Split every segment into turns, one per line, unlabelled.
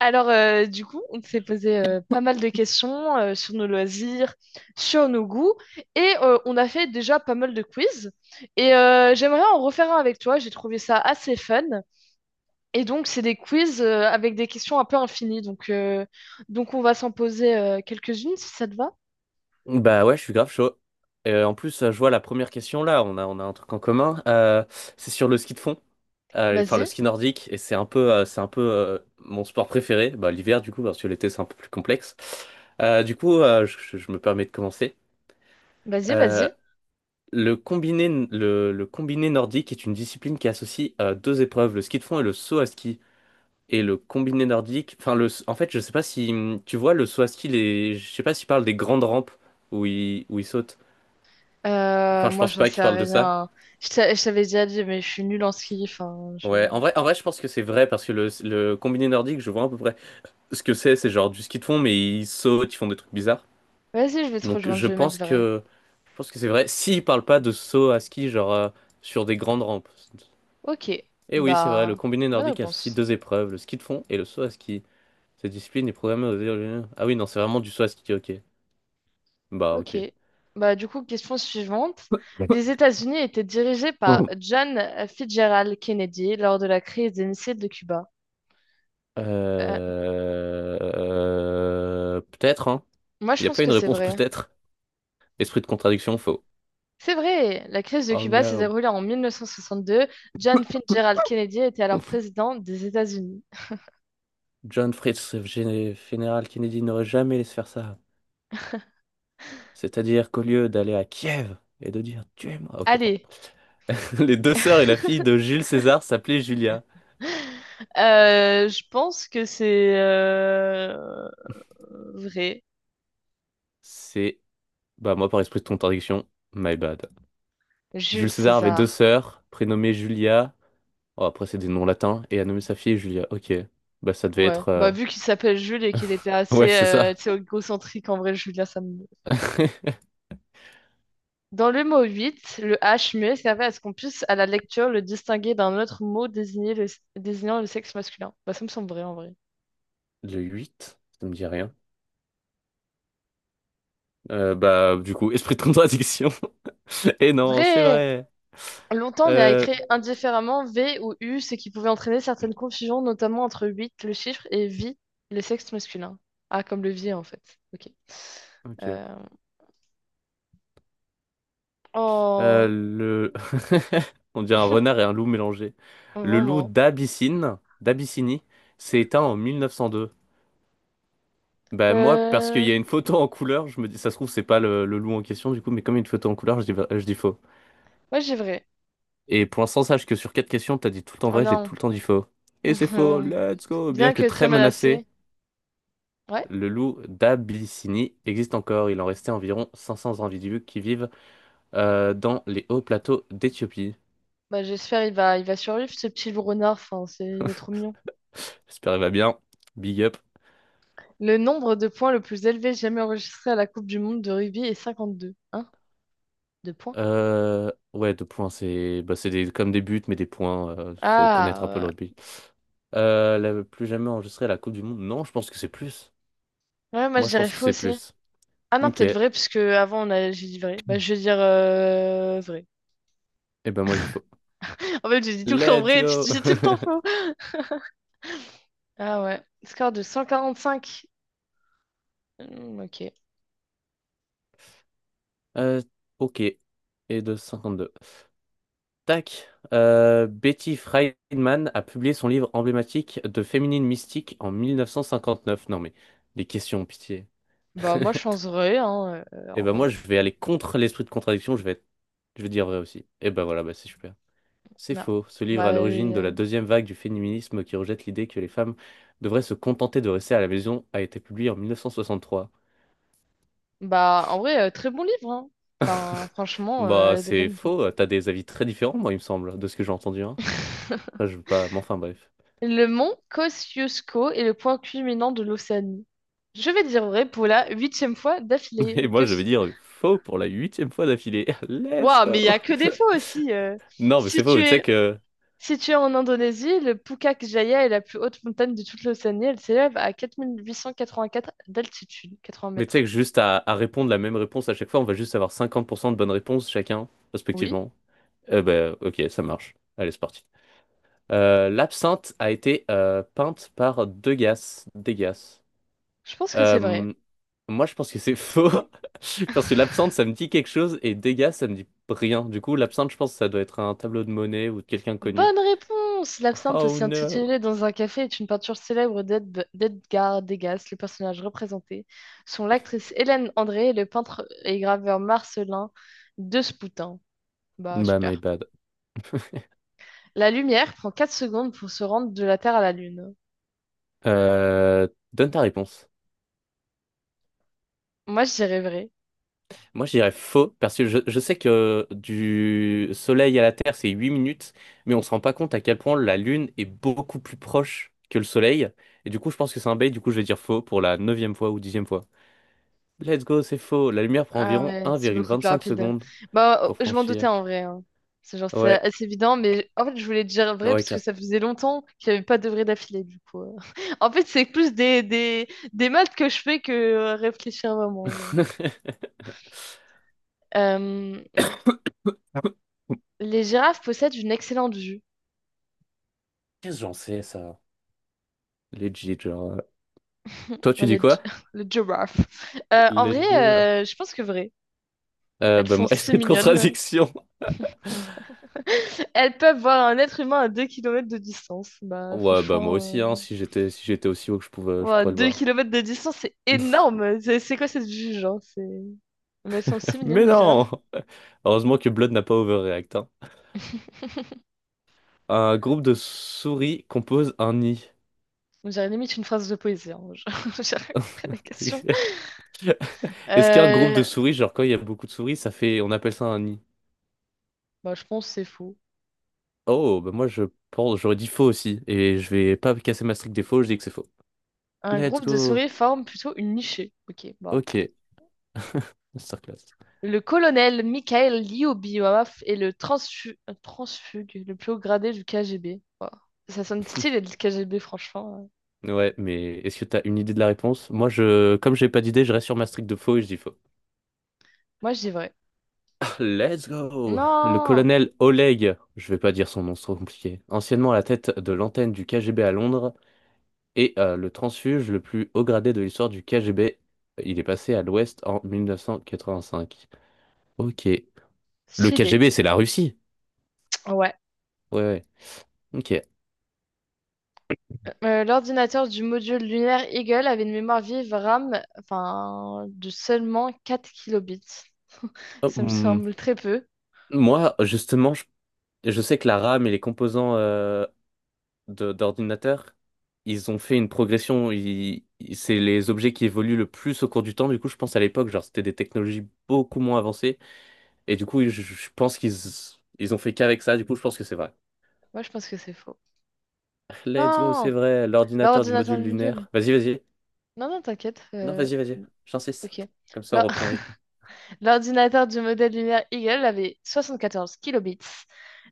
Alors, du coup, on s'est posé pas mal de questions sur nos loisirs, sur nos goûts, et on a fait déjà pas mal de quiz. Et j'aimerais en refaire un avec toi, j'ai trouvé ça assez fun. Et donc, c'est des quiz avec des questions un peu infinies. Donc, on va s'en poser quelques-unes si ça te va.
Bah ouais, je suis grave chaud. En plus, je vois la première question là, on a un truc en commun. C'est sur le ski de fond. Enfin, le
Vas-y,
ski nordique, et c'est un peu mon sport préféré, bah, l'hiver du coup, parce que l'été c'est un peu plus complexe. Du coup, je me permets de commencer.
vas-y,
Euh,
vas-y.
le combiné nordique est une discipline qui associe deux épreuves, le ski de fond et le saut à ski. Et le combiné nordique, enfin, le, en fait, je sais pas si tu vois le saut à ski, les, je sais pas s'il parle des grandes rampes où ils sautent. Enfin, je
Moi,
pense
j'en
pas qu'il
sais
parle de ça.
rien. Je t'avais déjà dit, mais je suis nulle en ski. Enfin, je...
Ouais, en vrai, je pense que c'est vrai parce que le combiné nordique, je vois à peu près ce que c'est genre du ski de fond, mais ils sautent, ils font des trucs bizarres.
Vas-y, je vais te
Donc
rejoindre,
je
je vais mettre
pense
vrai.
que je pense que c'est vrai. S'ils parlent pas de saut à ski, genre sur des grandes rampes.
Ok,
Et oui, c'est vrai, le
bah,
combiné
bonne
nordique associe
réponse.
deux épreuves, le ski de fond et le saut à ski. Cette discipline est programmée aux... Ah oui, non, c'est vraiment du saut à ski, ok. Bah ok.
Ok. Bah, du coup, question suivante.
D'accord.
Les États-Unis étaient dirigés par John Fitzgerald Kennedy lors de la crise des missiles de Cuba. Euh,
Peut-être, hein.
Moi,
Il
je
n'y a
pense
pas
que
une
c'est
réponse,
vrai.
peut-être. Esprit de contradiction, faux.
C'est vrai! La crise de
Oh
Cuba s'est
no.
déroulée en 1962. John Fitzgerald Kennedy était alors président des États-Unis.
John Fritz, général Kennedy, n'aurait jamais laissé faire ça. C'est-à-dire qu'au lieu d'aller à Kiev et de dire tuez-moi, ok, pardon.
Allez,
Les deux sœurs et la fille de Jules César s'appelaient Julia.
je pense que c'est vrai.
C'est, bah moi par esprit de contradiction, my bad. Jules
Jules
César avait deux
César.
sœurs, prénommées Julia. Oh, après c'est des noms latins et a nommé sa fille Julia. Ok, bah ça devait
Ouais.
être,
Bah, vu qu'il s'appelle Jules et qu'il était
ouais
assez
c'est ça.
tu sais, égocentrique, en vrai, Julia, ça me... Dans le mot 8, le H muet servait à ce qu'on puisse, à la lecture, le distinguer d'un autre mot désignant le sexe masculin. Bah, ça me semble vrai en vrai.
Le 8 ça me dit rien. Bah du coup esprit de contradiction. Et non, c'est
Vrai!
vrai.
Longtemps, on a
Euh,
écrit indifféremment V ou U, ce qui pouvait entraîner certaines confusions, notamment entre 8, le chiffre, et vie, le sexe masculin. Ah, comme le vie en fait. Ok.
ok.
Euh, Oh,
Le... On dit un renard et un loup mélangés. Le loup
vraiment.
d'Abyssinie, s'est éteint en 1902. Ben moi, parce qu'il
Euh...
y a une photo en couleur, je me dis, ça se trouve, c'est pas le loup en question, du coup, mais comme il y a une photo en couleur, je dis faux.
Ouais, j'ai vrai.
Et pour l'instant, sache que sur quatre questions, t'as dit tout le temps
Oh
vrai, j'ai
non.
tout le temps dit faux. Et c'est faux, let's go! Bien
Bien
que
que très
très menacé,
menacé. Ouais.
le loup d'Abyssinie existe encore. Il en restait environ 500 individus qui vivent dans les hauts plateaux d'Éthiopie.
Bah, j'espère il va survivre, ce petit loup renard. Enfin, c'est, il est trop mignon.
J'espère qu'il va bien. Big up.
Le nombre de points le plus élevé jamais enregistré à la Coupe du Monde de rugby est 52. Hein? De points?
Ouais, deux points, c'est bah, c'est des, comme des buts, mais des points. Euh, faut connaître un peu
Ah,
le rugby. Plus jamais enregistré à la Coupe du Monde. Non, je pense que c'est plus.
ouais. Ouais, moi je
Moi, je
dirais
pense que
faux
c'est
aussi.
plus.
Ah non,
Ok.
peut-être
Eh
vrai, parce que avant on a... j'ai dit vrai. Bah, je vais dire vrai.
ben, moi, j'y faut.
En fait, j'ai dit tout le temps
Let's
vrai et tu
go!
dis tout le temps faux. Ah ouais. Score de 145. Hmm, ok.
Euh, ok. Et de 52. Tac. Betty Friedman a publié son livre emblématique de féminine mystique en 1959. Non, mais les questions, pitié.
Bah, moi je pense vrai, hein,
Et
en
ben
vrai.
moi, je vais aller contre l'esprit de contradiction, je vais dire vrai aussi. Et ben voilà, bah c'est super. C'est
Ah.
faux. Ce livre
Bah,
est à l'origine de la
euh,
deuxième vague du féminisme qui rejette l'idée que les femmes devraient se contenter de rester à la maison a été publié en 1963.
bah, en vrai, très bon livre, hein. Enfin, franchement,
Bah
elle a des
c'est
bonnes idées.
faux, t'as des avis très différents, moi, il me semble, de ce que j'ai entendu, hein. Enfin, je veux pas, mais enfin bref.
Le mont Kosciuszko est le point culminant de l'Océanie. Je vais dire vrai pour la huitième fois d'affilée.
Et moi, je vais dire faux pour la huitième fois d'affilée. Let's
Waouh, mais il n'y
go!
a que des fois aussi.
Non, mais c'est faux, tu sais
Située,
que
située en Indonésie, le Pukak Jaya est la plus haute montagne de toute l'Océanie. Elle s'élève à 4884 d'altitude, 80
mais tu sais que
mètres.
juste à répondre la même réponse à chaque fois, on va juste avoir 50% de bonnes réponses chacun,
Oui,
respectivement. Eh ben, ok, ça marche. Allez, c'est parti. L'absinthe a été peinte par Degas. Degas.
je pense que c'est vrai.
Euh, Moi, je pense que c'est faux. Parce que l'absinthe, ça me dit quelque chose et Degas, ça me dit rien. Du coup, l'absinthe, je pense que ça doit être un tableau de Monet ou de quelqu'un de connu.
Bonne réponse! L'absinthe,
Oh
aussi
no!
intitulée dans un café, est une peinture célèbre d'Edgar Degas, le personnage représenté, sont l'actrice Hélène André et le peintre et graveur Marcelin Despoutin. Bah,
Bah, my
super.
bad.
La lumière prend 4 secondes pour se rendre de la Terre à la Lune.
Donne ta réponse.
Moi, je dirais vrai.
Moi, je dirais faux, parce que je sais que du Soleil à la Terre, c'est 8 minutes, mais on se rend pas compte à quel point la Lune est beaucoup plus proche que le Soleil. Et du coup, je pense que c'est un bait, du coup, je vais dire faux pour la neuvième fois ou dixième fois. Let's go, c'est faux. La lumière prend
Ah
environ
ouais, c'est beaucoup plus
1,25
rapide.
secondes
Bah,
pour
oh, je m'en doutais
franchir.
en vrai. Hein. C'est genre, c'est
Ouais,
assez évident, mais en fait, je voulais dire vrai
ouais,
parce que
quatre
ça faisait longtemps qu'il n'y avait pas de vrai d'affilée, du coup. En fait, c'est plus des maths que je fais que réfléchir vraiment. Genre. Euh, les girafes possèdent une excellente vue.
Qu'est-ce que j'en sais, ça? Legit, genre. Toi,
Oh,
tu dis quoi?
Le girafe. En vrai,
Legit. Rap.
je pense que vrai. Elles
Bah,
sont
moi,
si
esprit de
mignonnes.
contradiction.
Elles peuvent voir un être humain à 2 kilomètres de distance. Bah,
Ouais, bah moi aussi,
franchement.
hein, si j'étais aussi haut que je pouvais, je
Wow,
pourrais le
2
voir.
kilomètres de distance, c'est énorme! C'est quoi cette juge, hein? C'est... Mais elles sont si mignonnes,
Mais
les girafes.
non! Heureusement que Blood n'a pas overreact. Hein. Un groupe de souris compose un nid.
On dirait limite une phrase de poésie. Hein. J'ai rien compris à la question.
Est-ce qu'un groupe de
Euh,
souris, genre quand il y a beaucoup de souris, ça fait, on appelle ça un nid?
Bah, je pense que c'est faux.
Oh, bah moi j'aurais dit faux aussi. Et je vais pas casser ma streak des faux, je dis que c'est faux.
Un
Let's
groupe de
go!
souris forme plutôt une nichée. Ok, bah. Pff.
Ok, masterclass.
Le colonel Mikhail Lyubimov est le transfugue, le plus haut gradé du KGB. Wow. Ça sonne stylé, le KGB, franchement.
Ouais, mais est-ce que t'as une idée de la réponse? Moi, comme j'ai pas d'idée, je reste sur ma streak de faux et je dis faux.
Moi, je dis vrai.
Let's go! Le
Non!
colonel Oleg, je vais pas dire son nom, c'est trop compliqué, anciennement à la tête de l'antenne du KGB à Londres et le transfuge le plus haut gradé de l'histoire du KGB, il est passé à l'Ouest en 1985. Ok. Le
Stylé.
KGB, c'est la Russie?
Ouais.
Ouais. Ok.
L'ordinateur du module lunaire Eagle avait une mémoire vive RAM enfin, de seulement 4 kilobits.
Oh,
Ça me
hmm.
semble très peu.
Moi, justement, je sais que la RAM et les composants d'ordinateur, ils ont fait une progression. C'est les objets qui évoluent le plus au cours du temps. Du coup, je pense à l'époque, genre, c'était des technologies beaucoup moins avancées. Et du coup, je pense qu'ils ils ont fait qu'avec ça. Du coup, je pense que c'est vrai.
Moi, je pense que c'est faux.
Let's go, c'est
Non!
vrai. L'ordinateur du
L'ordinateur
module
du module.
lunaire. Vas-y.
Non, non, t'inquiète.
Non, vas-y. J'insiste.
Ok.
Comme ça, on
L'or-
reprend le rythme.
L'ordinateur du modèle lunaire Eagle avait 74 kilobits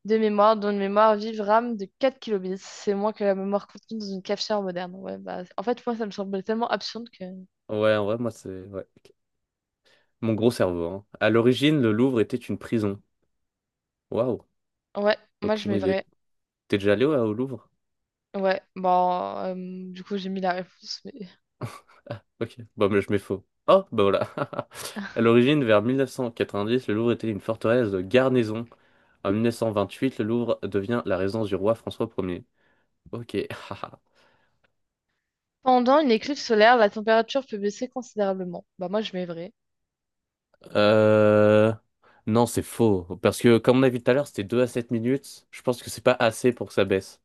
de mémoire, dont une mémoire vive RAM de 4 kilobits. C'est moins que la mémoire contenue dans une cafetière moderne. Ouais, bah, en fait, moi, ça me semblait tellement absurde que...
Ouais, en vrai, moi, c'est. Ouais. Mon gros cerveau. Hein. À l'origine, le Louvre était une prison. Waouh.
Ouais, moi, je
Aucune
mets
idée.
vrai.
T'es déjà allé ouais, au Louvre?
Ouais, bon, euh, du coup j'ai mis la réponse, mais...
Ok, bon, mais je mets faux. Oh, bah voilà. À l'origine, vers 1990, le Louvre était une forteresse de garnison. En 1928, le Louvre devient la résidence du roi François Ier. Ok, haha.
Pendant une éclipse solaire, la température peut baisser considérablement. Bah moi je mets vrai.
euh... Non, c'est faux. Parce que, comme on a vu tout à l'heure, c'était 2 à 7 minutes. Je pense que c'est pas assez pour que ça baisse.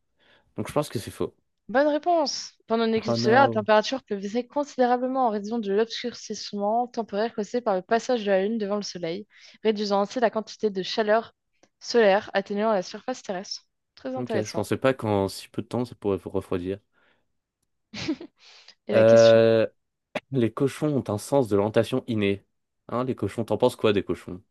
Donc, je pense que c'est faux.
Bonne réponse. Pendant une
Oh
éclipse solaire, la
no.
température peut baisser considérablement en raison de l'obscurcissement temporaire causé par le passage de la Lune devant le Soleil, réduisant ainsi la quantité de chaleur solaire atteignant la surface terrestre. Très
Ok, je
intéressant.
pensais pas qu'en si peu de temps, ça pourrait vous refroidir.
Et la question?
Euh... Les cochons ont un sens de l'orientation inné. Hein, les cochons, t'en penses quoi des cochons?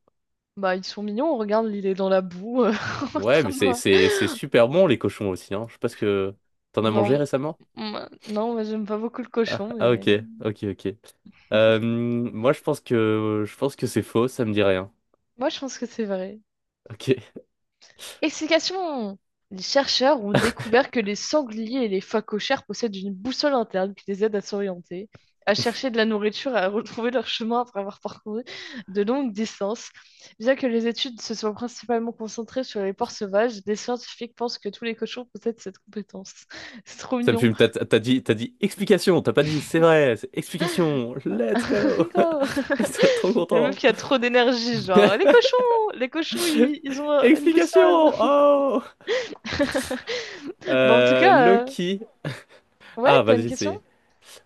Bah ils sont mignons, on regarde, il est dans la boue, en
Ouais,
train
mais c'est
de...
c'est c'est super bon les cochons aussi, hein. Je sais pas ce que t'en as
Non,
mangé récemment?
non, moi j'aime pas beaucoup le
Ah,
cochon,
ah,
mais...
ok. Moi je pense que c'est faux, ça me dit rien.
Moi, je pense que c'est vrai.
Ok.
Explication. Les chercheurs ont découvert que les sangliers et les phoques cochères possèdent une boussole interne qui les aide à s'orienter, à chercher de la nourriture et à retrouver leur chemin après avoir parcouru de longues distances. Bien que les études se soient principalement concentrées sur les porcs sauvages, des scientifiques pensent que tous les cochons possèdent cette compétence. C'est trop
Ça me
mignon.
fume. T'as dit explication, t'as pas dit c'est vrai, c'est explication. Let's go.
Oh,
Trop
le meuf
content.
qui a trop d'énergie, genre, les cochons, ils ont une
Explication.
boussole.
Oh.
Bon, en tout cas,
Loki.
ouais,
Ah
t'as une
vas-y
question?
c'est.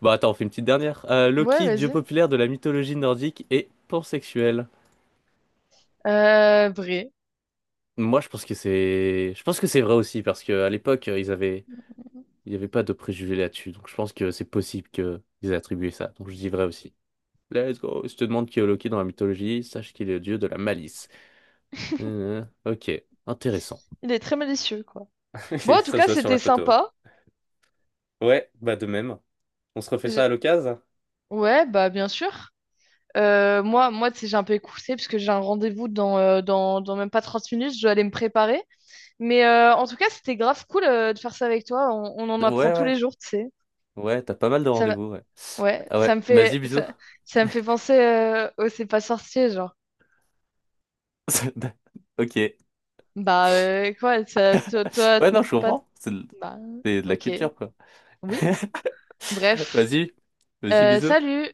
Bon attends, on fait une petite dernière.
Ouais,
Loki, dieu
vas-y.
populaire de la mythologie nordique et pansexuel.
Vrai.
Moi, je pense que c'est vrai aussi parce que à l'époque, ils avaient, il n'y avait pas de préjugés là-dessus. Donc, je pense que c'est possible qu'ils aient attribué ça. Donc, je dis vrai aussi. Let's go. Si je te demande qui est Loki dans la mythologie, sache qu'il est le dieu de la malice. Ok, intéressant.
Il est très malicieux, quoi. Bon, en tout
Ça se
cas,
voit sur la
c'était
photo.
sympa.
Ouais, bah de même. On se refait ça à
J'ai-
l'occasion?
Ouais, bah, bien sûr. Moi, tu sais, j'ai un peu écouté parce que j'ai un rendez-vous dans, même pas 30 minutes. Je dois aller me préparer. Mais en tout cas, c'était grave cool de faire ça avec toi. On en apprend
Ouais,
tous
ouais,
les jours, tu sais.
ouais. T'as pas mal de
Ça, me-
rendez-vous. Ouais.
ouais,
Ah ouais. Vas-y, bisous.
ça me fait penser au C'est pas sorcier, genre.
Ok.
Bah, quoi, ça, toi, toi,
Ouais, non, je
pas.
comprends. C'est de
Bah,
c'est de la
ok.
culture, quoi.
Oui. Bref.
Vas-y, vas-y, bisous.
Salut!